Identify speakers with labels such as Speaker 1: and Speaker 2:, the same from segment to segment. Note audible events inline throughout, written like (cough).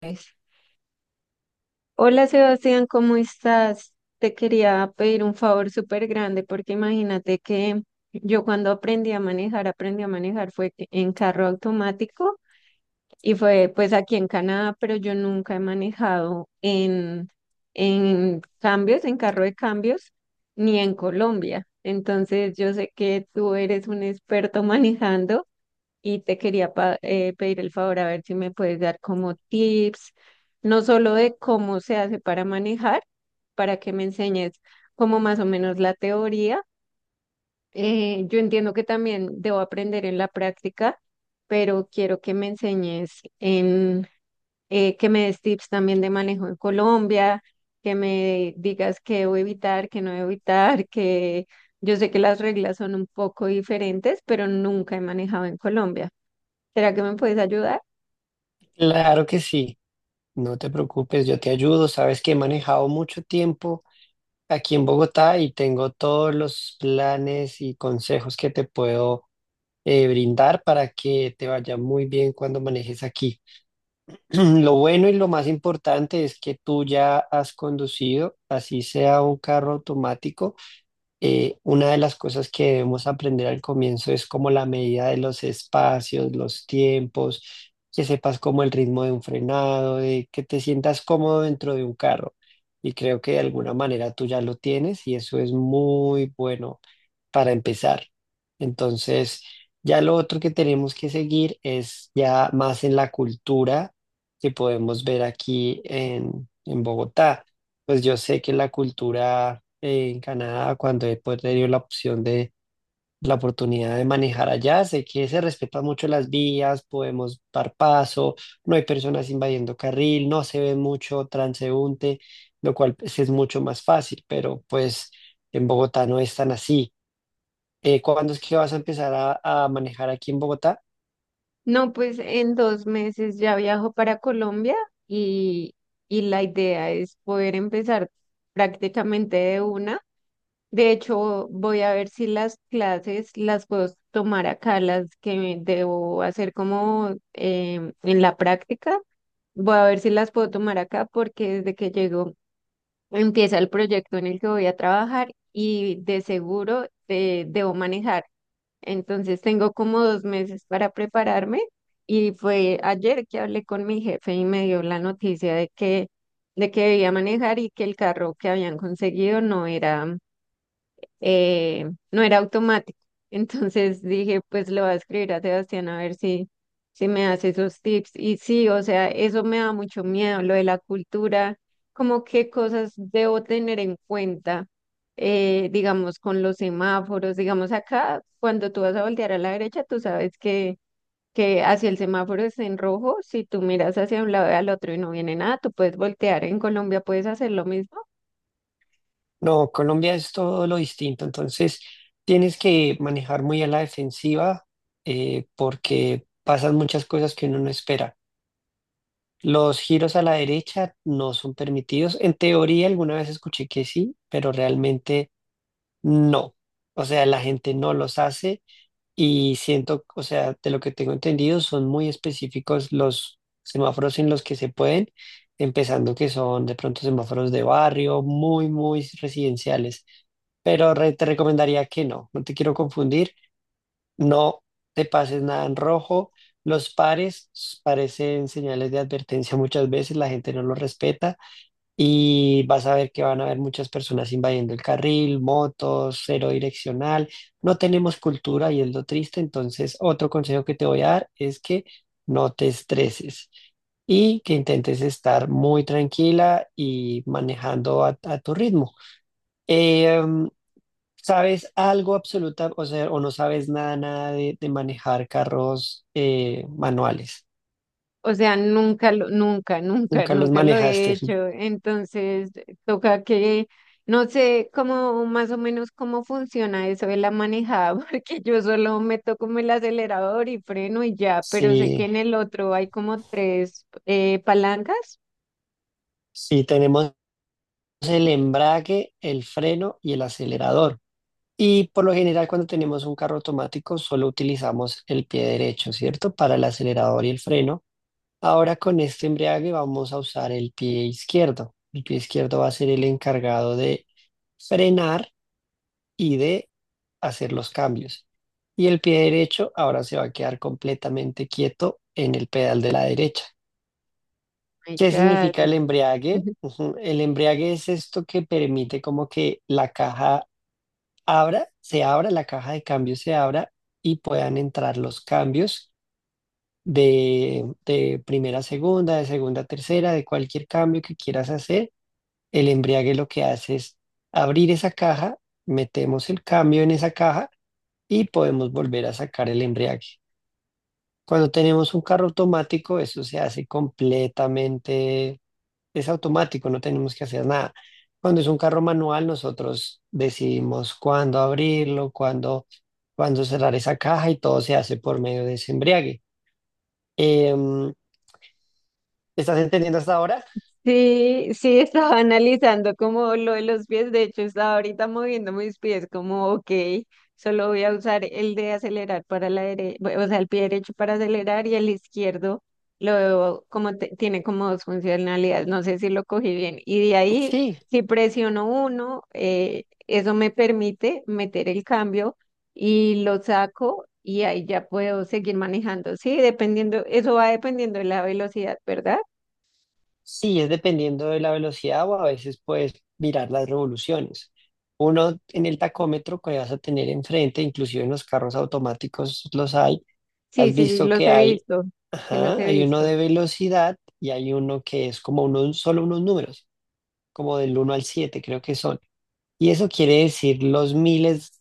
Speaker 1: Pues. Hola, Sebastián, ¿cómo estás? Te quería pedir un favor súper grande porque imagínate que yo cuando aprendí a manejar, en carro automático y fue, pues, aquí en Canadá, pero yo nunca he manejado en cambios, en carro de cambios, ni en Colombia. Entonces yo sé que tú eres un experto (laughs) manejando y te quería pedir el favor a ver si me puedes dar como tips, no solo de cómo se hace para manejar, para que me enseñes como más o menos la teoría. Yo entiendo que también debo aprender en la práctica, pero quiero que me enseñes en que me des tips también de manejo en Colombia, que me digas qué debo evitar, qué no debo evitar, que yo sé que las reglas son un poco diferentes, pero nunca he manejado en Colombia. ¿Será que me puedes ayudar?
Speaker 2: Claro que sí, no te preocupes, yo te ayudo. Sabes que he manejado mucho tiempo aquí en Bogotá y tengo todos los planes y consejos que te puedo brindar para que te vaya muy bien cuando manejes aquí. (clears throat) Lo bueno y lo más importante es que tú ya has conducido, así sea un carro automático. Una de las cosas que debemos aprender al comienzo es como la medida de los espacios, los tiempos, que sepas como el ritmo de un frenado, de que te sientas cómodo dentro de un carro. Y creo que de alguna manera tú ya lo tienes y eso es muy bueno para empezar. Entonces, ya lo otro que tenemos que seguir es ya más en la cultura que podemos ver aquí en Bogotá. Pues yo sé que la cultura en Canadá, cuando he pues, tenido la opción de la oportunidad de manejar allá, sé que se respetan mucho las vías, podemos dar paso, no hay personas invadiendo carril, no se ve mucho transeúnte, lo cual pues, es mucho más fácil, pero pues en Bogotá no es tan así. ¿Cuándo es que vas a empezar a manejar aquí en Bogotá?
Speaker 1: No, pues en 2 meses ya viajo para Colombia y, y la idea es poder empezar prácticamente de una. De hecho, voy a ver si las clases las puedo tomar acá, las que debo hacer como en la práctica. Voy a ver si las puedo tomar acá porque desde que llego empieza el proyecto en el que voy a trabajar y de seguro debo manejar. Entonces tengo como 2 meses para prepararme y fue ayer que hablé con mi jefe y me dio la noticia de de que debía manejar y que el carro que habían conseguido no era no era automático. (laughs) Entonces dije, pues le voy a escribir a Sebastián a ver si me hace esos tips. Y sí, o sea, eso me da mucho miedo, lo de la cultura, como qué cosas debo tener en cuenta, digamos, con los semáforos. Digamos, acá, cuando tú vas a voltear a la derecha, tú sabes que hacia el semáforo está en rojo. Si tú miras hacia un lado y al otro y no viene nada, tú puedes voltear. En Colombia puedes hacer lo mismo.
Speaker 2: No, Colombia es todo lo distinto, entonces tienes que manejar muy a la defensiva porque pasan muchas cosas que uno no espera. Los giros a la derecha no son permitidos. En teoría alguna vez escuché que sí, pero realmente no. O sea, la gente no los hace y siento, o sea, de lo que tengo entendido, son muy específicos los semáforos en los que se pueden, empezando que son de pronto semáforos de barrio, muy, muy residenciales. Pero te recomendaría que no, no te quiero confundir, no te pases nada en rojo. Los pares parecen señales de advertencia muchas veces, la gente no los respeta y vas a ver que van a haber muchas personas invadiendo el carril, motos, cero direccional. No tenemos cultura y es lo triste. Entonces, otro consejo que te voy a dar es que no te estreses y que intentes estar muy tranquila y manejando a tu ritmo. Eh, ¿Sabes algo absoluta, o sea, o no sabes nada, nada de manejar carros manuales?
Speaker 1: O sea,
Speaker 2: Nunca los
Speaker 1: nunca lo he
Speaker 2: manejaste.
Speaker 1: hecho. Entonces, toca que, no sé cómo, más o menos cómo funciona eso de la manejada, (laughs) porque yo solo meto como el acelerador y freno y ya, pero sé que
Speaker 2: Sí,
Speaker 1: en el otro hay como tres palancas.
Speaker 2: sí, tenemos el embrague, el freno y el acelerador. Y por lo general cuando tenemos un carro automático solo utilizamos el pie derecho, ¿cierto? Para el acelerador y el freno. Ahora con este embrague vamos a usar el pie izquierdo. El pie izquierdo va a ser el encargado de frenar y de hacer los cambios. Y el pie derecho ahora se va a quedar completamente quieto en el pedal de la derecha.
Speaker 1: My
Speaker 2: ¿Qué
Speaker 1: God.
Speaker 2: significa el embriague? Ujú. El embriague es esto que permite como que la caja abra, se abra, la caja de cambios se abra y puedan entrar los cambios de primera a segunda, de segunda a tercera, de cualquier cambio que quieras hacer. El embriague lo que hace es abrir esa caja, metemos el cambio en esa caja y podemos volver a sacar el embriague. Cuando tenemos un carro automático, eso se hace completamente es automático, no tenemos que hacer nada. Cuando es un carro manual, nosotros decidimos cuándo abrirlo, cuándo, cuándo cerrar esa caja y todo se hace por medio de ese embriague. Em, ¿Estás entendiendo hasta ahora?
Speaker 1: Sí, sí, estaba (laughs) analizando como lo de los pies. De hecho, estaba ahorita moviendo mis pies como, ok, solo voy a usar el de acelerar para la derecha, o sea, el pie derecho para acelerar y el izquierdo lo veo como tiene como dos funcionalidades. No sé si lo cogí bien. Y de ahí,
Speaker 2: Sí,
Speaker 1: si presiono uno, eso me permite meter el cambio y lo saco y ahí ya puedo seguir manejando. Sí, dependiendo, eso va dependiendo de la velocidad, ¿verdad?
Speaker 2: sí, es dependiendo de la velocidad o a veces puedes mirar las revoluciones. Uno en el tacómetro que vas a tener enfrente, inclusive en los carros automáticos los hay.
Speaker 1: Sí,
Speaker 2: Has
Speaker 1: sí,
Speaker 2: visto
Speaker 1: los
Speaker 2: que
Speaker 1: he
Speaker 2: hay,
Speaker 1: visto, sí los
Speaker 2: ajá,
Speaker 1: he
Speaker 2: hay uno
Speaker 1: visto.
Speaker 2: de velocidad y hay uno que es como unos, solo unos números. Como del uno al 7 creo que son. Y eso quiere decir los miles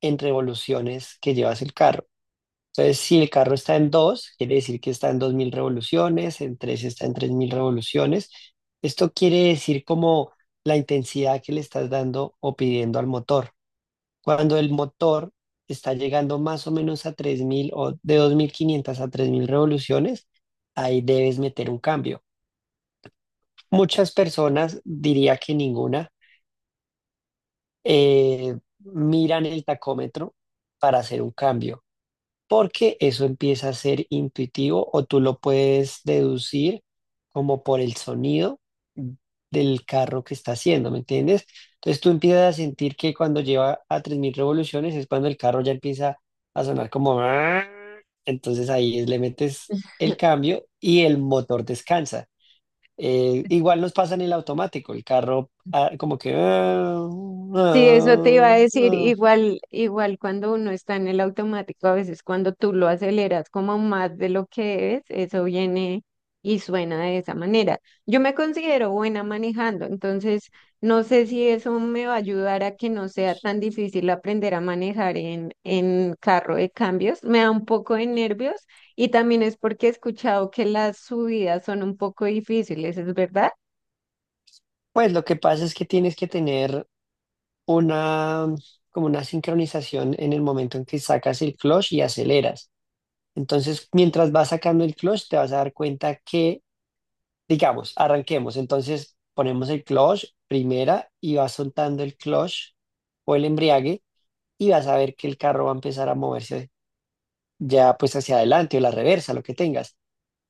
Speaker 2: en revoluciones que llevas el carro. Entonces, si el carro está en 2 quiere decir que está en 2000 revoluciones, en 3 está en 3000 revoluciones. Esto quiere decir como la intensidad que le estás dando o pidiendo al motor. Cuando el motor está llegando más o menos a 3000 o de 2500 a 3000 revoluciones, ahí debes meter un cambio. Muchas personas, diría que ninguna, miran el tacómetro para hacer un cambio, porque eso empieza a ser intuitivo o tú lo puedes deducir como por el sonido del carro que está haciendo, ¿me entiendes? Entonces tú empiezas a sentir que cuando lleva a 3000 revoluciones es cuando el carro ya empieza a sonar como "Ah". Entonces ahí le metes el cambio y el motor descansa. Igual nos pasa en el automático, el carro ah, como que ah,
Speaker 1: Sí, eso te iba a
Speaker 2: ah,
Speaker 1: decir,
Speaker 2: ah.
Speaker 1: igual, igual cuando uno está en el automático, a veces cuando tú lo aceleras como más de lo que es, eso viene y suena de esa manera. Yo me considero buena manejando, entonces no sé si eso me va a ayudar a que no sea tan difícil aprender a manejar en carro de cambios. Me da un poco de nervios y también es porque he escuchado que las subidas son un poco difíciles, ¿es verdad?
Speaker 2: Pues lo que pasa es que tienes que tener una, como una sincronización en el momento en que sacas el clutch y aceleras. Entonces, mientras vas sacando el clutch, te vas a dar cuenta que, digamos, arranquemos. Entonces, ponemos el clutch primera y vas soltando el clutch o el embriague y vas a ver que el carro va a empezar a moverse ya pues hacia adelante o la reversa, lo que tengas.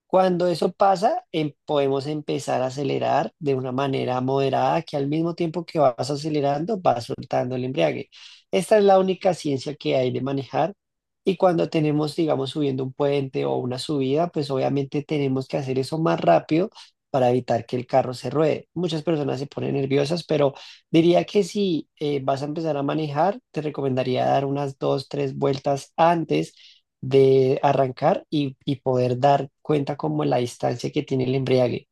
Speaker 2: Cuando eso pasa, podemos empezar a acelerar de una manera moderada, que al mismo tiempo que vas acelerando, vas soltando el embriague. Esta es la única ciencia que hay de manejar. Y cuando tenemos, digamos, subiendo un puente o una subida, pues obviamente tenemos que hacer eso más rápido para evitar que el carro se ruede. Muchas personas se ponen nerviosas, pero diría que si vas a empezar a manejar, te recomendaría dar unas dos, tres vueltas antes de arrancar y poder dar cuenta como la distancia que tiene el embriague.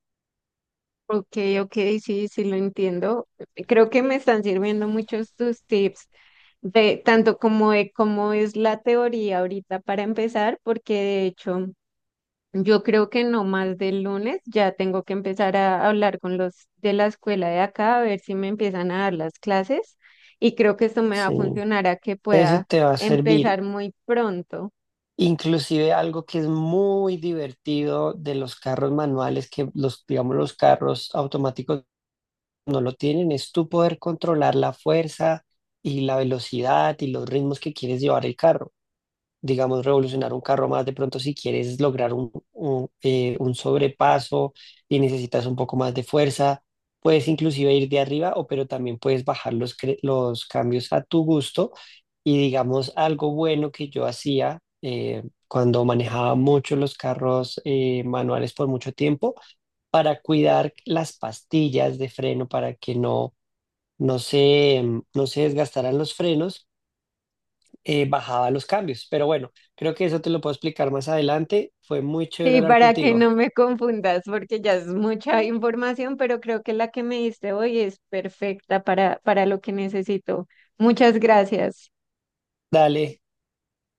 Speaker 1: Ok, ok, sí, sí lo entiendo. Creo que me están sirviendo muchos tus tips de tanto como de cómo es la teoría ahorita para empezar, porque de hecho yo creo que no más del lunes ya tengo que empezar a hablar con los de la escuela de acá a ver si me empiezan a dar las clases y creo que esto me va a
Speaker 2: Sí,
Speaker 1: funcionar a que
Speaker 2: eso
Speaker 1: pueda
Speaker 2: te va a servir.
Speaker 1: empezar muy pronto.
Speaker 2: Inclusive algo que es muy divertido de los carros manuales, que los, digamos, los carros automáticos no lo tienen, es tú poder controlar la fuerza y la velocidad y los ritmos que quieres llevar el carro. Digamos, revolucionar un carro más, de pronto si quieres lograr un sobrepaso y necesitas un poco más de fuerza, puedes inclusive ir de arriba o pero también puedes bajar los, los cambios a tu gusto y digamos algo bueno que yo hacía cuando manejaba mucho los carros manuales por mucho tiempo para cuidar las pastillas de freno para que no se, no se desgastaran los frenos, bajaba los cambios. Pero bueno, creo que eso te lo puedo explicar más adelante. Fue muy chévere
Speaker 1: Sí,
Speaker 2: hablar
Speaker 1: para que
Speaker 2: contigo.
Speaker 1: no me confundas, porque ya es mucha información, pero creo que la que me diste hoy es perfecta para lo que necesito. Muchas gracias.
Speaker 2: Dale.